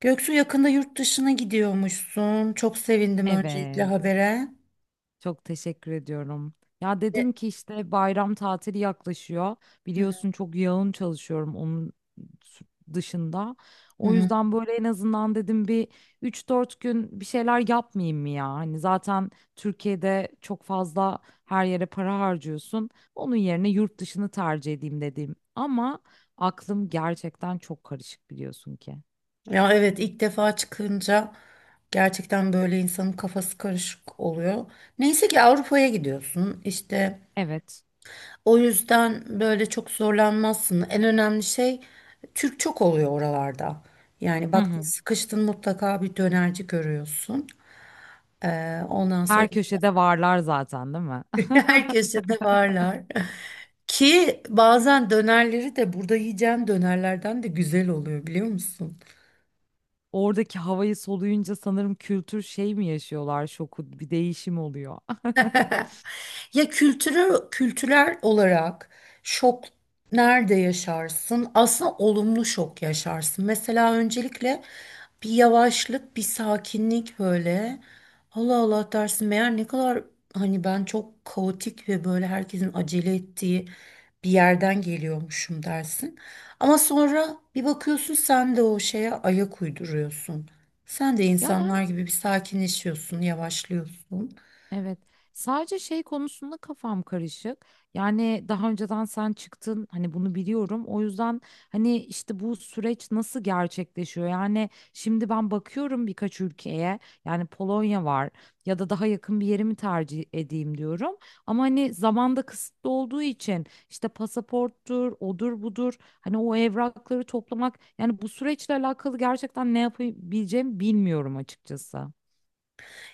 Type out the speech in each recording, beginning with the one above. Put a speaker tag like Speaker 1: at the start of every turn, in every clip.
Speaker 1: Göksu, yakında yurt dışına gidiyormuşsun. Çok sevindim öncelikle
Speaker 2: Evet,
Speaker 1: habere.
Speaker 2: çok teşekkür ediyorum. Ya
Speaker 1: Ve-
Speaker 2: dedim ki işte bayram tatili yaklaşıyor.
Speaker 1: Hı hı,
Speaker 2: Biliyorsun çok yoğun çalışıyorum onun s- dışında.
Speaker 1: hı
Speaker 2: O
Speaker 1: hı.
Speaker 2: yüzden böyle en azından dedim bir 3 4 gün bir şeyler yapmayayım mı ya? Hani zaten Türkiye'de çok fazla her yere para harcıyorsun. Onun yerine yurt dışını tercih edeyim dedim. Ama aklım gerçekten çok karışık biliyorsun ki.
Speaker 1: Ya, evet, ilk defa çıkınca gerçekten böyle insanın kafası karışık oluyor. Neyse ki Avrupa'ya gidiyorsun. İşte.
Speaker 2: Evet.
Speaker 1: O yüzden böyle çok zorlanmazsın. En önemli şey, Türk çok oluyor oralarda. Yani
Speaker 2: Hı
Speaker 1: baktın
Speaker 2: hı.
Speaker 1: sıkıştın mutlaka bir dönerci görüyorsun. Ondan sonra
Speaker 2: Her köşede varlar zaten, değil mi?
Speaker 1: herkese de varlar. Ki bazen dönerleri de burada yiyeceğim dönerlerden de güzel oluyor, biliyor musun?
Speaker 2: Oradaki havayı soluyunca sanırım kültür şey mi yaşıyorlar şoku bir değişim oluyor.
Speaker 1: Ya, kültürel olarak şok nerede yaşarsın? Aslında olumlu şok yaşarsın. Mesela öncelikle bir yavaşlık, bir sakinlik böyle. Allah Allah dersin, meğer ne kadar hani ben çok kaotik ve böyle herkesin acele ettiği bir yerden geliyormuşum dersin. Ama sonra bir bakıyorsun, sen de o şeye ayak uyduruyorsun. Sen de
Speaker 2: Ya ben,
Speaker 1: insanlar gibi bir sakinleşiyorsun, yavaşlıyorsun.
Speaker 2: evet. Sadece şey konusunda kafam karışık. Yani daha önceden sen çıktın, hani bunu biliyorum. O yüzden hani işte bu süreç nasıl gerçekleşiyor? Yani şimdi ben bakıyorum birkaç ülkeye. Yani Polonya var ya da daha yakın bir yeri mi tercih edeyim diyorum. Ama hani zamanda kısıtlı olduğu için işte pasaporttur, odur budur. Hani o evrakları toplamak, yani bu süreçle alakalı gerçekten ne yapabileceğimi bilmiyorum açıkçası.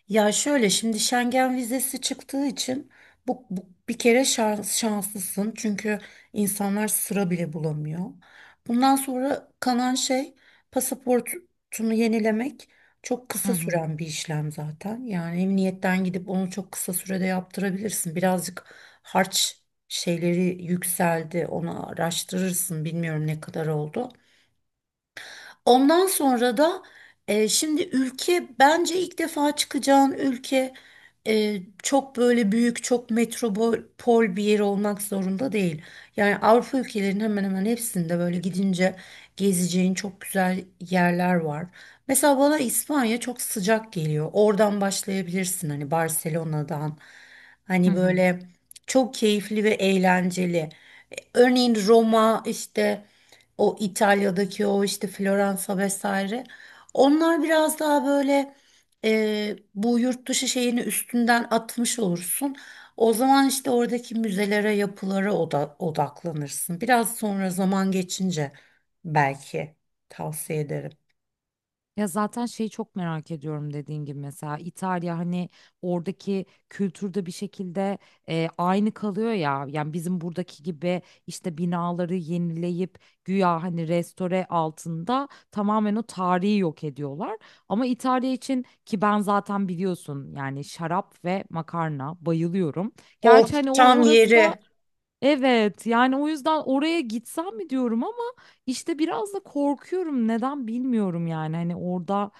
Speaker 1: Ya şöyle, şimdi Schengen vizesi çıktığı için bu bir kere şanslısın, çünkü insanlar sıra bile bulamıyor. Bundan sonra kalan şey, pasaportunu yenilemek, çok
Speaker 2: Hı
Speaker 1: kısa
Speaker 2: hı.
Speaker 1: süren bir işlem zaten. Yani emniyetten gidip onu çok kısa sürede yaptırabilirsin. Birazcık harç şeyleri yükseldi, onu araştırırsın, bilmiyorum ne kadar oldu. Ondan sonra da şimdi ülke, bence ilk defa çıkacağın ülke çok böyle büyük, çok metropol bir yer olmak zorunda değil. Yani Avrupa ülkelerinin hemen hemen hepsinde böyle gidince gezeceğin çok güzel yerler var. Mesela bana İspanya çok sıcak geliyor. Oradan başlayabilirsin, hani Barcelona'dan.
Speaker 2: Hı
Speaker 1: Hani
Speaker 2: hı.
Speaker 1: böyle çok keyifli ve eğlenceli. Örneğin Roma işte, o İtalya'daki, o işte Floransa vesaire. Onlar biraz daha böyle, bu yurt dışı şeyini üstünden atmış olursun. O zaman işte oradaki müzelere, yapılara odaklanırsın. Biraz sonra, zaman geçince belki, tavsiye ederim.
Speaker 2: Ya zaten şeyi çok merak ediyorum, dediğin gibi mesela İtalya, hani oradaki kültürde bir şekilde aynı kalıyor ya. Yani bizim buradaki gibi işte binaları yenileyip güya hani restore altında tamamen o tarihi yok ediyorlar. Ama İtalya için, ki ben zaten biliyorsun yani şarap ve makarna bayılıyorum.
Speaker 1: O
Speaker 2: Gerçi hani
Speaker 1: tam
Speaker 2: orası da
Speaker 1: yeri.
Speaker 2: evet, yani o yüzden oraya gitsem mi diyorum ama işte biraz da korkuyorum, neden bilmiyorum. Yani hani orada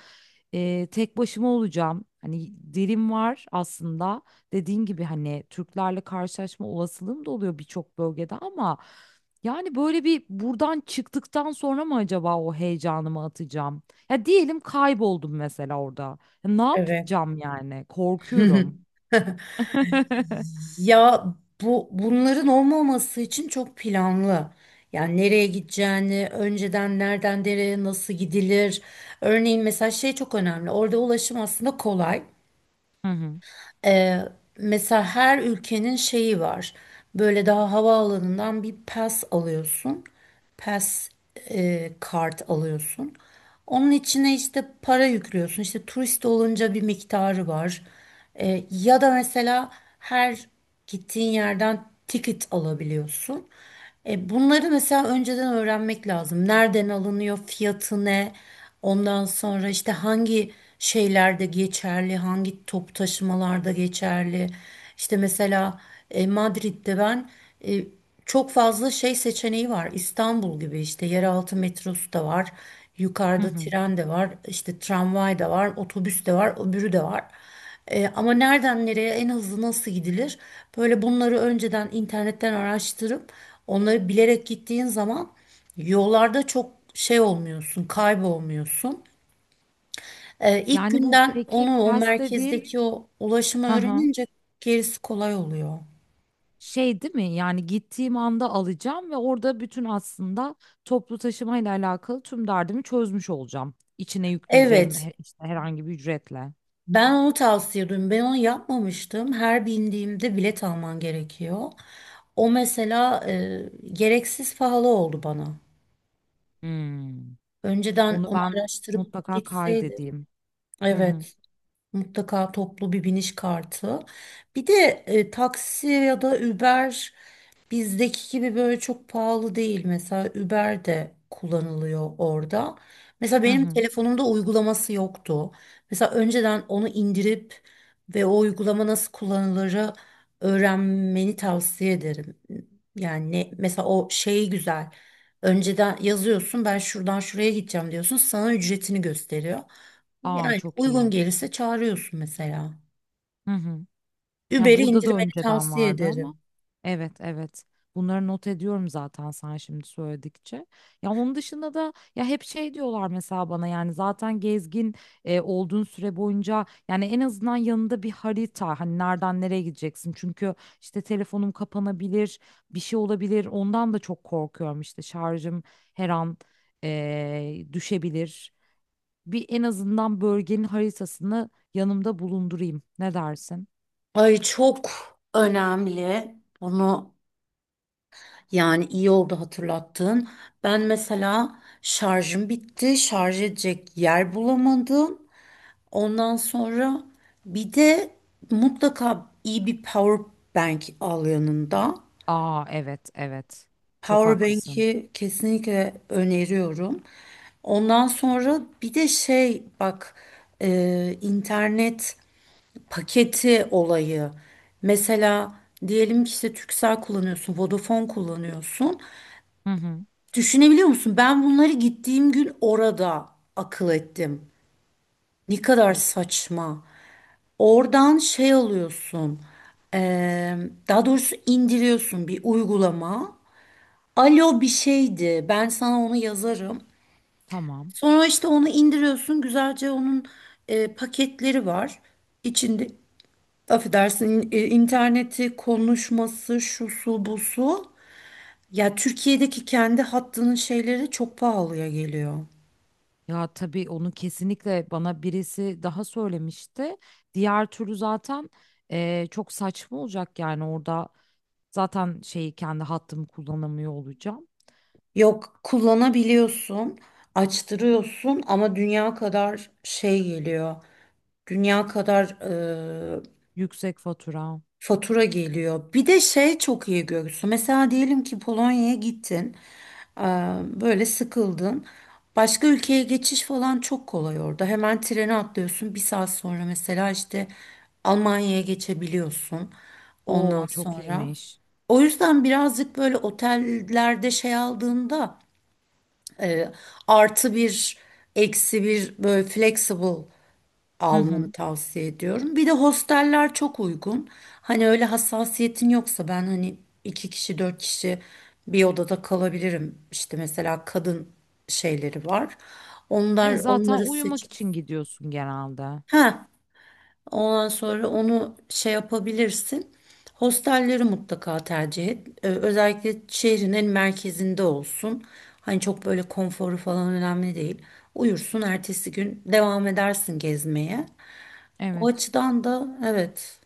Speaker 2: tek başıma olacağım, hani dilim var aslında, dediğin gibi hani Türklerle karşılaşma olasılığım da oluyor birçok bölgede, ama yani böyle bir buradan çıktıktan sonra mı acaba o heyecanımı atacağım. Ya diyelim kayboldum mesela orada, ya ne
Speaker 1: Evet.
Speaker 2: yapacağım, yani korkuyorum.
Speaker 1: Ya bu, bunların olmaması için çok planlı. Yani nereye gideceğini, önceden nereden nereye nasıl gidilir. Örneğin mesela şey çok önemli. Orada ulaşım aslında kolay.
Speaker 2: Hı hı.
Speaker 1: Ee, mesela her ülkenin şeyi var. Böyle daha havaalanından bir pass alıyorsun. Pass, kart alıyorsun. Onun içine işte para yüklüyorsun. İşte turist olunca bir miktarı var. Ya da mesela her gittiğin yerden ticket alabiliyorsun. Bunları mesela önceden öğrenmek lazım. Nereden alınıyor, fiyatı ne? Ondan sonra işte hangi şeylerde geçerli, hangi top taşımalarda geçerli. İşte mesela Madrid'de ben, e, çok fazla şey seçeneği var. İstanbul gibi işte yeraltı metrosu da var.
Speaker 2: Hı
Speaker 1: Yukarıda
Speaker 2: hı.
Speaker 1: tren de var, işte tramvay da var, otobüs de var, öbürü de var. Ama nereden nereye en hızlı nasıl gidilir? Böyle bunları önceden internetten araştırıp onları bilerek gittiğin zaman yollarda çok şey olmuyorsun, kaybolmuyorsun. İlk
Speaker 2: Yani bu
Speaker 1: günden
Speaker 2: peki
Speaker 1: onu, o
Speaker 2: test dediğin,
Speaker 1: merkezdeki o ulaşımı
Speaker 2: hı hı,
Speaker 1: öğrenince gerisi kolay oluyor.
Speaker 2: şey değil mi? Yani gittiğim anda alacağım ve orada bütün aslında toplu taşıma ile alakalı tüm derdimi çözmüş olacağım. İçine yükleyeceğim
Speaker 1: Evet,
Speaker 2: işte herhangi bir ücretle.
Speaker 1: ben onu tavsiye ediyorum. Ben onu yapmamıştım. Her bindiğimde bilet alman gerekiyor. O mesela gereksiz pahalı oldu bana.
Speaker 2: Hmm.
Speaker 1: Önceden
Speaker 2: Onu
Speaker 1: onu
Speaker 2: ben
Speaker 1: araştırıp
Speaker 2: mutlaka
Speaker 1: gitseydim.
Speaker 2: kaydedeyim. Hı hı.
Speaker 1: Evet, mutlaka toplu bir biniş kartı. Bir de taksi ya da Uber bizdeki gibi böyle çok pahalı değil. Mesela Uber de kullanılıyor orada. Mesela
Speaker 2: Hı
Speaker 1: benim
Speaker 2: hı.
Speaker 1: telefonumda uygulaması yoktu. Mesela önceden onu indirip ve o uygulama nasıl kullanılırı öğrenmeni tavsiye ederim. Yani mesela o şey güzel. Önceden yazıyorsun, ben şuradan şuraya gideceğim diyorsun. Sana ücretini gösteriyor.
Speaker 2: Aa
Speaker 1: Yani
Speaker 2: çok
Speaker 1: uygun
Speaker 2: iyi.
Speaker 1: gelirse çağırıyorsun mesela.
Speaker 2: Hı hı. Ya
Speaker 1: Uber'i
Speaker 2: burada da
Speaker 1: indirmeni
Speaker 2: önceden
Speaker 1: tavsiye
Speaker 2: vardı ama.
Speaker 1: ederim.
Speaker 2: Evet, evet. Bunları not ediyorum zaten sen şimdi söyledikçe. Ya onun dışında da ya hep şey diyorlar mesela bana, yani zaten gezgin olduğun süre boyunca yani en azından yanında bir harita, hani nereden nereye gideceksin. Çünkü işte telefonum kapanabilir, bir şey olabilir. Ondan da çok korkuyorum, işte şarjım her an düşebilir. Bir en azından bölgenin haritasını yanımda bulundurayım. Ne dersin?
Speaker 1: Ay, çok önemli. Bunu, yani, iyi oldu hatırlattın. Ben mesela şarjım bitti. Şarj edecek yer bulamadım. Ondan sonra bir de mutlaka iyi bir power bank al yanında.
Speaker 2: Aa evet, evet. Çok
Speaker 1: Power
Speaker 2: haklısın.
Speaker 1: bank'i kesinlikle öneriyorum. Ondan sonra bir de şey bak, internet paketi olayı. Mesela diyelim ki işte Turkcell kullanıyorsun, Vodafone kullanıyorsun.
Speaker 2: Hı hı.
Speaker 1: Düşünebiliyor musun? Ben bunları gittiğim gün orada akıl ettim. Ne kadar
Speaker 2: Of,
Speaker 1: saçma. Oradan şey alıyorsun. eee, daha doğrusu indiriyorsun bir uygulama. Alo bir şeydi. Ben sana onu yazarım.
Speaker 2: tamam.
Speaker 1: Sonra işte onu indiriyorsun. Güzelce onun paketleri var. İçinde, affedersin, interneti, konuşması şu su bu su. Ya Türkiye'deki kendi hattının şeyleri çok pahalıya geliyor.
Speaker 2: Ya tabii onu kesinlikle bana birisi daha söylemişti. Diğer türlü zaten çok saçma olacak yani orada zaten şeyi kendi hattımı kullanamıyor olacağım.
Speaker 1: Yok, kullanabiliyorsun, açtırıyorsun ama dünya kadar şey geliyor. Dünya kadar
Speaker 2: Yüksek fatura.
Speaker 1: fatura geliyor. Bir de şey çok iyi görürsü. Mesela diyelim ki Polonya'ya gittin, eee, böyle sıkıldın. Başka ülkeye geçiş falan çok kolay orada. Hemen trene atlıyorsun. Bir saat sonra mesela işte Almanya'ya geçebiliyorsun. Ondan
Speaker 2: Oo çok
Speaker 1: sonra.
Speaker 2: iyiymiş.
Speaker 1: O yüzden birazcık böyle otellerde şey aldığında, eee, artı bir, eksi bir böyle flexible
Speaker 2: Hı
Speaker 1: almanı
Speaker 2: hı.
Speaker 1: tavsiye ediyorum. Bir de hosteller çok uygun. Hani öyle hassasiyetin yoksa, ben hani iki kişi dört kişi bir odada kalabilirim. İşte mesela kadın şeyleri var.
Speaker 2: E,
Speaker 1: Onlar,
Speaker 2: zaten
Speaker 1: onları
Speaker 2: uyumak
Speaker 1: seç.
Speaker 2: için gidiyorsun genelde.
Speaker 1: Ha, ondan sonra onu şey yapabilirsin. Hostelleri mutlaka tercih et. Özellikle şehrin en merkezinde olsun. Hani çok böyle konforu falan önemli değil. Uyursun, ertesi gün devam edersin gezmeye. O
Speaker 2: Evet.
Speaker 1: açıdan da evet.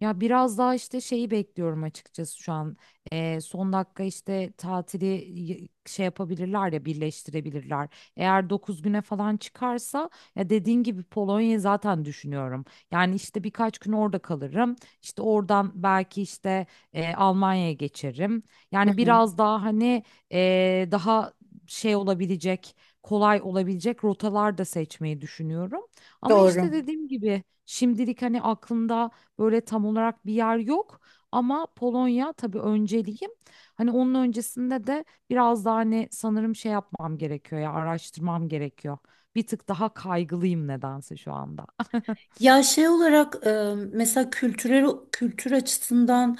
Speaker 2: Ya biraz daha işte şeyi bekliyorum açıkçası şu an. Son dakika işte tatili şey yapabilirler ya, birleştirebilirler. Eğer 9 güne falan çıkarsa, ya dediğin gibi Polonya'yı zaten düşünüyorum. Yani işte birkaç gün orada kalırım. İşte oradan belki işte Almanya'ya geçerim.
Speaker 1: Hı
Speaker 2: Yani
Speaker 1: hı.
Speaker 2: biraz daha hani daha şey olabilecek, kolay olabilecek rotalar da seçmeyi düşünüyorum. Ama
Speaker 1: Doğru.
Speaker 2: işte dediğim gibi şimdilik hani aklımda böyle tam olarak bir yer yok, ama Polonya tabii önceliğim. Hani onun öncesinde de biraz daha hani sanırım şey yapmam gerekiyor, ya araştırmam gerekiyor. Bir tık daha kaygılıyım nedense şu anda.
Speaker 1: Ya şey olarak mesela kültürel, kültür açısından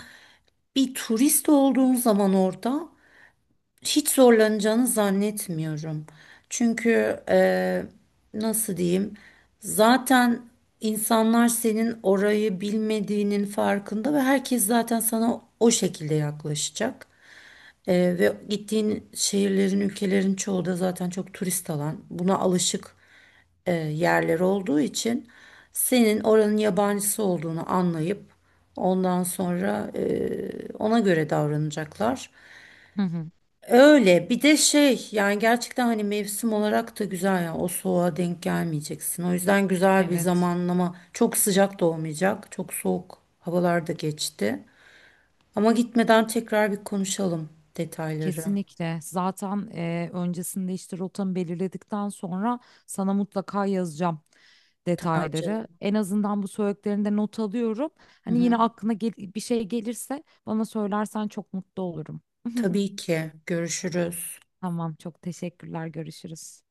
Speaker 1: bir turist olduğun zaman orada hiç zorlanacağını zannetmiyorum. Çünkü e, nasıl diyeyim, zaten insanlar senin orayı bilmediğinin farkında ve herkes zaten sana o şekilde yaklaşacak. Ve gittiğin şehirlerin, ülkelerin çoğu da zaten çok turist alan, buna alışık yerler olduğu için senin oranın yabancısı olduğunu anlayıp ondan sonra ona göre davranacaklar.
Speaker 2: Hı hı,
Speaker 1: Öyle bir de şey, yani gerçekten hani mevsim olarak da güzel, ya o soğuğa denk gelmeyeceksin. O yüzden güzel bir
Speaker 2: evet.
Speaker 1: zamanlama, çok sıcak da olmayacak, çok soğuk havalar da geçti. Ama gitmeden tekrar bir konuşalım detayları.
Speaker 2: Kesinlikle. Zaten öncesinde işte rotamı belirledikten sonra sana mutlaka yazacağım
Speaker 1: Tamam
Speaker 2: detayları.
Speaker 1: canım.
Speaker 2: En azından bu söylediklerinde not alıyorum.
Speaker 1: Hı
Speaker 2: Hani yine
Speaker 1: hı.
Speaker 2: aklına bir şey gelirse bana söylersen çok mutlu olurum.
Speaker 1: Tabii ki, görüşürüz.
Speaker 2: Tamam, çok teşekkürler. Görüşürüz.